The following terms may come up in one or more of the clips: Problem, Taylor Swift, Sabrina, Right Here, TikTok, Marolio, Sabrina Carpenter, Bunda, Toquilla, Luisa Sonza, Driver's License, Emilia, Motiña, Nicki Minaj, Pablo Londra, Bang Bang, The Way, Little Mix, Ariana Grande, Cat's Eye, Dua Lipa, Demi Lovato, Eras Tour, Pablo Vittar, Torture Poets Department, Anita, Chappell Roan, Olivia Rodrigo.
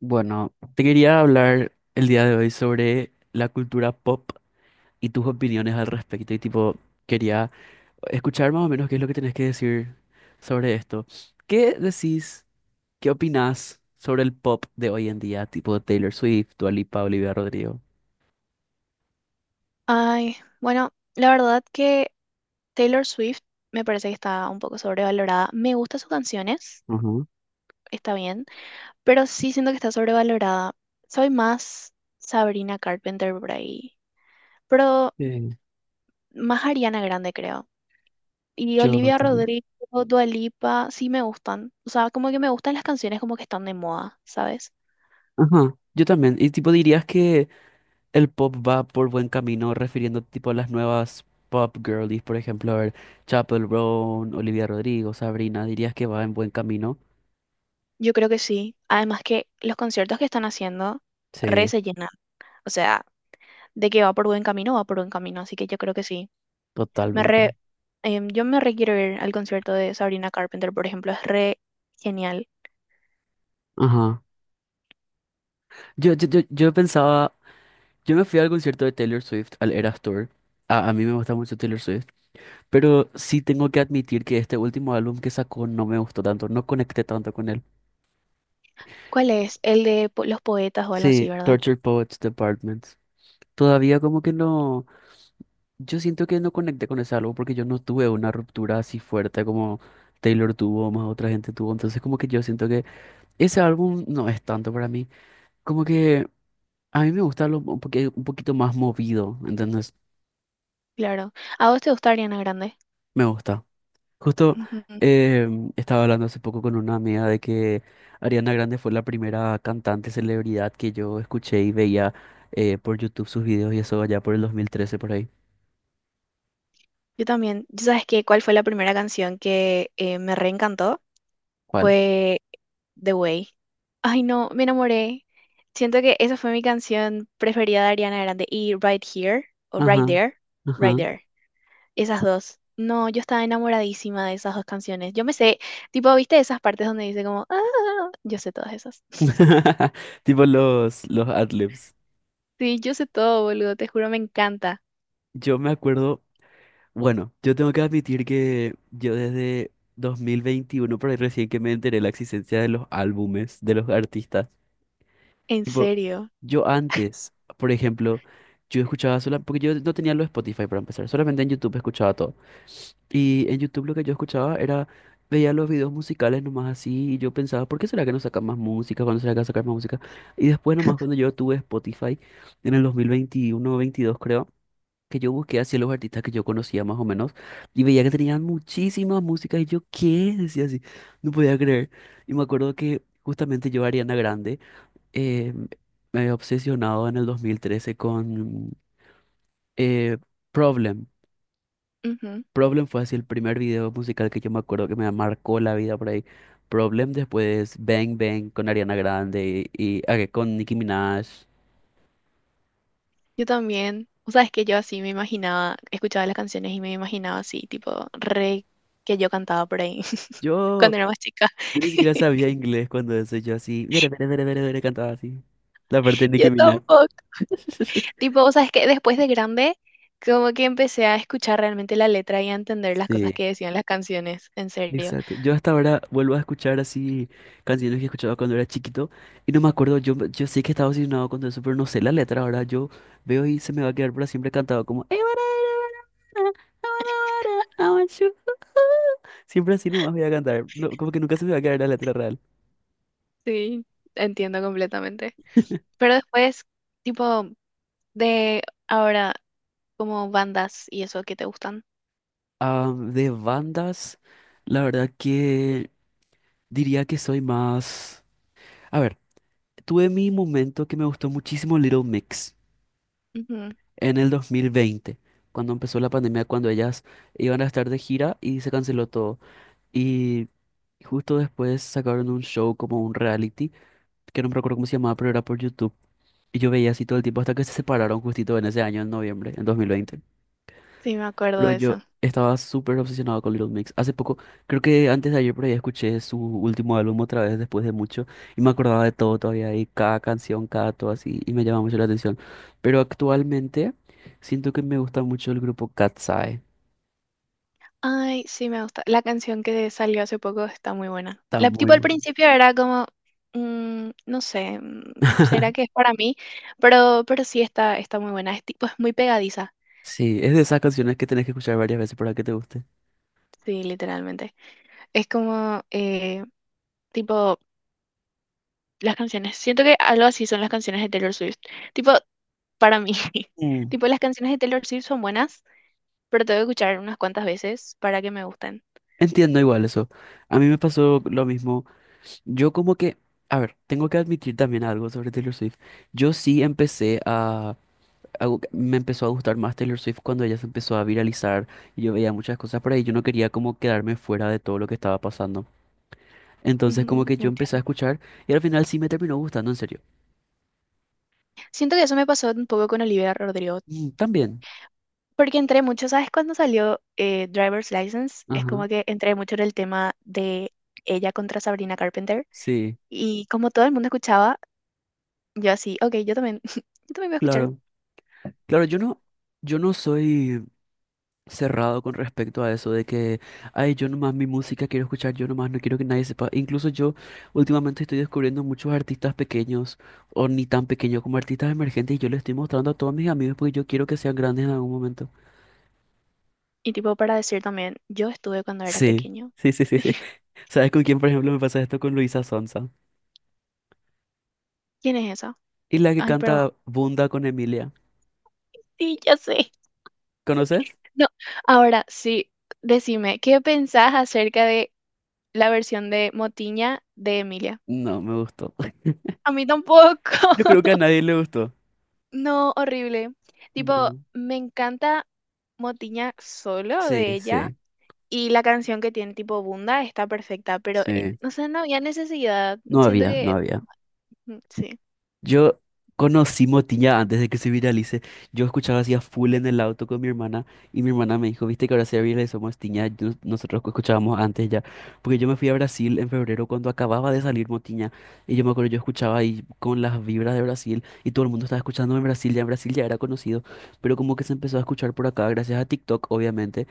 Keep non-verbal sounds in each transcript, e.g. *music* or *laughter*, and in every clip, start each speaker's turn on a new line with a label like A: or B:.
A: Bueno, te quería hablar el día de hoy sobre la cultura pop y tus opiniones al respecto. Y tipo, quería escuchar más o menos qué es lo que tenés que decir sobre esto. ¿Qué decís, qué opinás sobre el pop de hoy en día? Tipo Taylor Swift, Dua Lipa, Olivia Rodrigo.
B: Ay, bueno, la verdad que Taylor Swift me parece que está un poco sobrevalorada. Me gustan sus canciones,
A: Ajá.
B: está bien, pero sí siento que está sobrevalorada. Soy más Sabrina Carpenter por ahí, pero
A: Sí,
B: más Ariana Grande creo. Y
A: yo
B: Olivia
A: también.
B: Rodrigo, Dua Lipa, sí me gustan. O sea, como que me gustan las canciones como que están de moda, ¿sabes?
A: Ajá, yo también. Y tipo, dirías que el pop va por buen camino, refiriendo tipo a las nuevas pop girlies, por ejemplo, a ver, Chappell Roan, Olivia Rodrigo, Sabrina, dirías que va en buen camino.
B: Yo creo que sí. Además que los conciertos que están haciendo re
A: Sí,
B: se llenan. O sea, de que va por buen camino, va por buen camino, así que yo creo que sí. Me
A: totalmente.
B: re, yo me re quiero ir al concierto de Sabrina Carpenter, por ejemplo, es re genial.
A: Ajá. Yo pensaba, yo me fui al concierto de Taylor Swift, al Eras Tour. A mí me gusta mucho Taylor Swift, pero sí tengo que admitir que este último álbum que sacó no me gustó tanto, no conecté tanto con él.
B: ¿Cuál es? El de los poetas o algo así,
A: Sí,
B: ¿verdad?
A: Torture Poets Department. Todavía como que no. Yo siento que no conecté con ese álbum porque yo no tuve una ruptura así fuerte como Taylor tuvo, o más otra gente tuvo. Entonces como que yo siento que ese álbum no es tanto para mí. Como que a mí me gusta lo, un poquito más movido, ¿entendés?
B: Claro. ¿A vos te gusta Ariana Grande?
A: Me gusta. Justo
B: Ujú.
A: eh, estaba hablando hace poco con una amiga de que Ariana Grande fue la primera cantante celebridad que yo escuché y veía por YouTube sus videos y eso allá por el 2013 por ahí.
B: Yo también. ¿Y ¿Sabes qué? ¿Cuál fue la primera canción que me reencantó?
A: ¿Cuál?
B: Fue The Way. Ay, no, me enamoré. Siento que esa fue mi canción preferida de Ariana Grande. Y Right Here, o Right
A: Ajá.
B: There, Right
A: Ajá.
B: There. Esas dos. No, yo estaba enamoradísima de esas dos canciones. Yo me sé, tipo, ¿viste esas partes donde dice como, "ah, ah, ah"? ¿Yo sé todas esas? *laughs*
A: *laughs* Tipo los adlibs.
B: Sí, yo sé todo, boludo, te juro, me encanta.
A: Yo me acuerdo, bueno, yo tengo que admitir que yo desde 2021, por ahí recién que me enteré de la existencia de los álbumes de los artistas.
B: En
A: Tipo,
B: serio.
A: yo antes, por ejemplo, yo escuchaba solo, porque yo no tenía los Spotify para empezar, solamente en YouTube escuchaba todo. Y en YouTube lo que yo escuchaba era, veía los videos musicales nomás así y yo pensaba, ¿por qué será que no sacan más música? ¿Cuándo será que va a sacar más música? Y después nomás cuando yo tuve Spotify en el 2021-2022 creo, que yo busqué así los artistas que yo conocía más o menos y veía que tenían muchísimas músicas y yo, ¿qué? Decía así, no podía creer. Y me acuerdo que justamente yo, Ariana Grande, eh, me había obsesionado en el 2013 con eh, Problem.
B: Ujú.
A: Problem fue así el primer video musical que yo me acuerdo que me marcó la vida por ahí. Problem después Bang Bang con Ariana Grande y, ah, que con Nicki Minaj.
B: Yo también. O sea, es que yo así me imaginaba, escuchaba las canciones y me imaginaba así, tipo, re que yo cantaba por ahí *laughs*
A: Yo,
B: cuando era más chica.
A: yo ni siquiera
B: *laughs*
A: sabía inglés cuando eso, yo así, dere, dere, dere, dere, dere, cantaba así. La parte de
B: Yo
A: Nicki Minaj.
B: tampoco.
A: *laughs*
B: Tipo, o sea, es que después de grande, como que empecé a escuchar realmente la letra y a entender las cosas
A: Sí.
B: que decían las canciones, en serio.
A: Exacto. Yo hasta ahora vuelvo a escuchar así canciones que escuchaba cuando era chiquito y no me acuerdo, yo sé que estaba obsesionado con todo eso, pero no sé la letra. Ahora yo veo y se me va a quedar para siempre cantado como *laughs* siempre así nomás voy a cantar. No, como que nunca se me va a quedar la letra real.
B: Sí, entiendo completamente. Pero después, tipo, de ahora, como bandas y eso que te gustan.
A: Ah, de bandas, la verdad que diría que soy más. A ver, tuve mi momento que me gustó muchísimo Little Mix,
B: Ujú.
A: en el 2020 cuando empezó la pandemia, cuando ellas iban a estar de gira y se canceló todo. Y justo después sacaron un show como un reality, que no me recuerdo cómo se llamaba, pero era por YouTube. Y yo veía así todo el tiempo hasta que se separaron justito en ese año, en noviembre, en 2020,
B: Sí, me acuerdo
A: pero
B: de
A: yo
B: eso.
A: estaba súper obsesionado con Little Mix. Hace poco, creo que antes de ayer por ahí escuché su último álbum otra vez después de mucho y me acordaba de todo todavía y cada canción, cada todo así y me llama mucho la atención. Pero actualmente siento que me gusta mucho el grupo Cat's Eye.
B: Ay, sí, me gusta. La canción que salió hace poco está muy buena.
A: Está
B: La,
A: muy
B: tipo, al
A: bueno.
B: principio era como, mm, no sé, mm, ¿será que es
A: *laughs*
B: para mí? Pero sí está, está muy buena. Es tipo, es muy pegadiza.
A: Sí, es de esas canciones que tenés que escuchar varias veces para que te guste.
B: Sí, literalmente. Es como, tipo, las canciones. Siento que algo así son las canciones de Taylor Swift. Tipo, para mí. *laughs*
A: Mm,
B: Tipo, las canciones de Taylor Swift son buenas, pero tengo que escuchar unas cuantas veces para que me gusten.
A: entiendo igual eso. A mí me pasó lo mismo. Yo como que, a ver, tengo que admitir también algo sobre Taylor Swift. Yo sí empecé a algo que me empezó a gustar más Taylor Swift cuando ella se empezó a viralizar y yo veía muchas cosas por ahí. Yo no quería como quedarme fuera de todo lo que estaba pasando. Entonces como
B: Ujú,
A: que yo empecé a
B: entiendo.
A: escuchar y al final sí me terminó gustando, en serio.
B: Siento que eso me pasó un poco con Olivia Rodrigo,
A: Mm, también.
B: porque entré mucho, ¿sabes? Cuando salió Driver's License, es
A: Ajá.
B: como que entré mucho en el tema de ella contra Sabrina Carpenter,
A: Sí,
B: y como todo el mundo escuchaba, yo así, ok, yo también, *laughs* yo también voy a escuchar.
A: claro. Claro, yo no soy cerrado con respecto a eso de que, ay, yo nomás mi música quiero escuchar, yo nomás no quiero que nadie sepa. Incluso yo últimamente estoy descubriendo muchos artistas pequeños o ni tan pequeños como artistas emergentes y yo les estoy mostrando a todos mis amigos porque yo quiero que sean grandes en algún momento.
B: Y tipo, para decir también, yo estuve cuando era
A: Sí,
B: pequeño.
A: sí, sí, sí, sí. ¿Sabes con quién, por ejemplo, me pasa esto con Luisa Sonza?
B: ¿Quién es esa?
A: Y la que
B: Ay, perdón.
A: canta Bunda con Emilia.
B: Sí, ya sé.
A: ¿Conoces?
B: No, ahora sí, decime, ¿qué pensás acerca de la versión de Motiña de Emilia?
A: No, me gustó. *laughs*
B: A mí tampoco.
A: Yo creo
B: *laughs*
A: que a nadie le gustó.
B: No, horrible. Tipo,
A: No.
B: me encanta Motiña solo
A: Sí,
B: de ella
A: sí,
B: y la canción que tiene tipo Bunda está perfecta, pero
A: sí.
B: no sé, no había necesidad.
A: No
B: Siento
A: había, no
B: que
A: había.
B: mm, sí.
A: Yo conocí Motiña antes de que se viralice. Yo escuchaba así a full en el auto con mi hermana y mi hermana me dijo, viste que ahora se viralizó Motiña, nosotros que escuchábamos antes ya. Porque yo me fui a Brasil en febrero cuando acababa de salir Motiña y yo me acuerdo, yo escuchaba ahí con las vibras de Brasil y todo el mundo estaba escuchando en Brasil ya era conocido, pero como que se empezó a escuchar por acá gracias a TikTok, obviamente.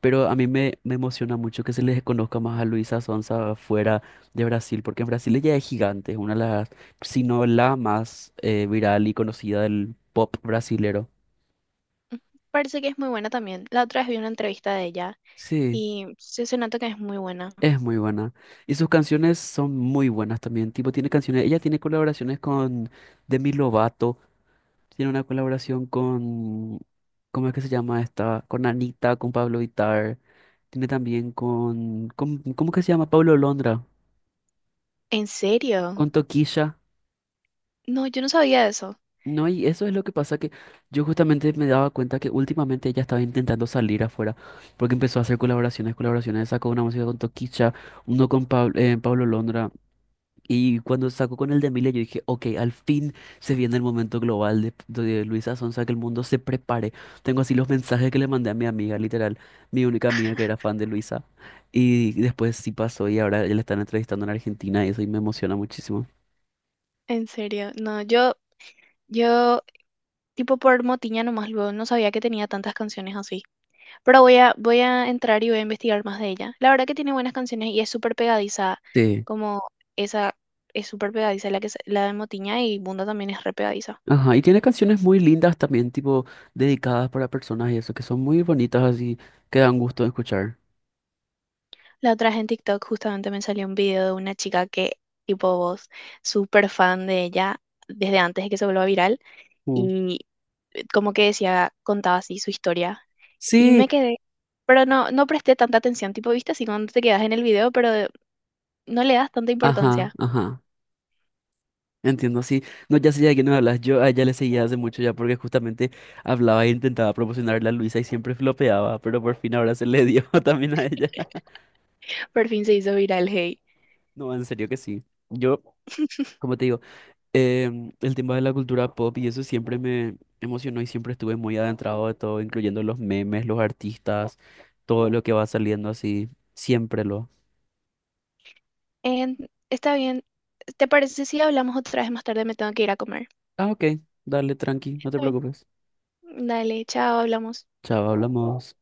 A: Pero a mí me emociona mucho que se les conozca más a Luisa Sonza fuera de Brasil, porque en Brasil ella es gigante, es una de las, si no la más viral y conocida del pop brasilero.
B: Parece que es muy buena también. La otra vez vi una entrevista de ella
A: Sí,
B: y se nota que es muy buena.
A: es muy buena. Y sus canciones son muy buenas también. Tipo, tiene canciones, ella tiene colaboraciones con Demi Lovato, tiene una colaboración con, ¿cómo es que se llama esta? Con Anita, con Pablo Vittar, tiene también con, ¿cómo que se llama? Pablo Londra,
B: ¿En serio?
A: con Toquilla.
B: No, yo no sabía eso.
A: No, y eso es lo que pasa que yo justamente me daba cuenta que últimamente ella estaba intentando salir afuera, porque empezó a hacer colaboraciones, colaboraciones, sacó una música con Toquicha, uno con Pablo Londra, y cuando sacó con el de Emilia yo dije, ok, al fin se viene el momento global de Luisa Sonza, que el mundo se prepare. Tengo así los mensajes que le mandé a mi amiga, literal, mi única amiga que era fan de Luisa, y después sí pasó y ahora ya la están entrevistando en Argentina y eso y me emociona muchísimo.
B: En serio. No, yo, tipo por Motiña nomás luego no sabía que tenía tantas canciones así. Pero voy a entrar y voy a investigar más de ella. La verdad que tiene buenas canciones y es súper pegadiza, como esa es súper pegadiza la la de Motiña y Bunda también es re pegadiza.
A: Ajá, y tiene canciones muy lindas también, tipo dedicadas para personas y eso, que son muy bonitas así, que dan gusto de escuchar.
B: La otra vez en TikTok justamente me salió un video de una chica que, tipo vos, súper fan de ella desde antes de que se vuelva viral
A: Mm.
B: y como que decía, contaba así su historia y
A: Sí,
B: me quedé. Pero no, no presté tanta atención, tipo, viste así cuando te quedas en el video, pero no le das tanta
A: ajá,
B: importancia.
A: ajá, entiendo, sí. No, ya sé ya de quién me hablas, yo a ella le seguía hace mucho ya porque justamente hablaba e intentaba promocionarla a Luisa y siempre flopeaba, pero por fin ahora se le dio *laughs* también a ella.
B: Por fin se hizo viral, hey.
A: No, en serio que sí. Yo, como te digo, el tema de la cultura pop y eso siempre me emocionó y siempre estuve muy adentrado de todo, incluyendo los memes, los artistas, todo lo que va saliendo así, siempre lo.
B: En- Está bien. ¿Te parece si hablamos otra vez más tarde? Me tengo que ir a comer.
A: Ah, ok, dale, tranqui, no te
B: Está bien.
A: preocupes.
B: Dale, chao, hablamos.
A: Chao, hablamos.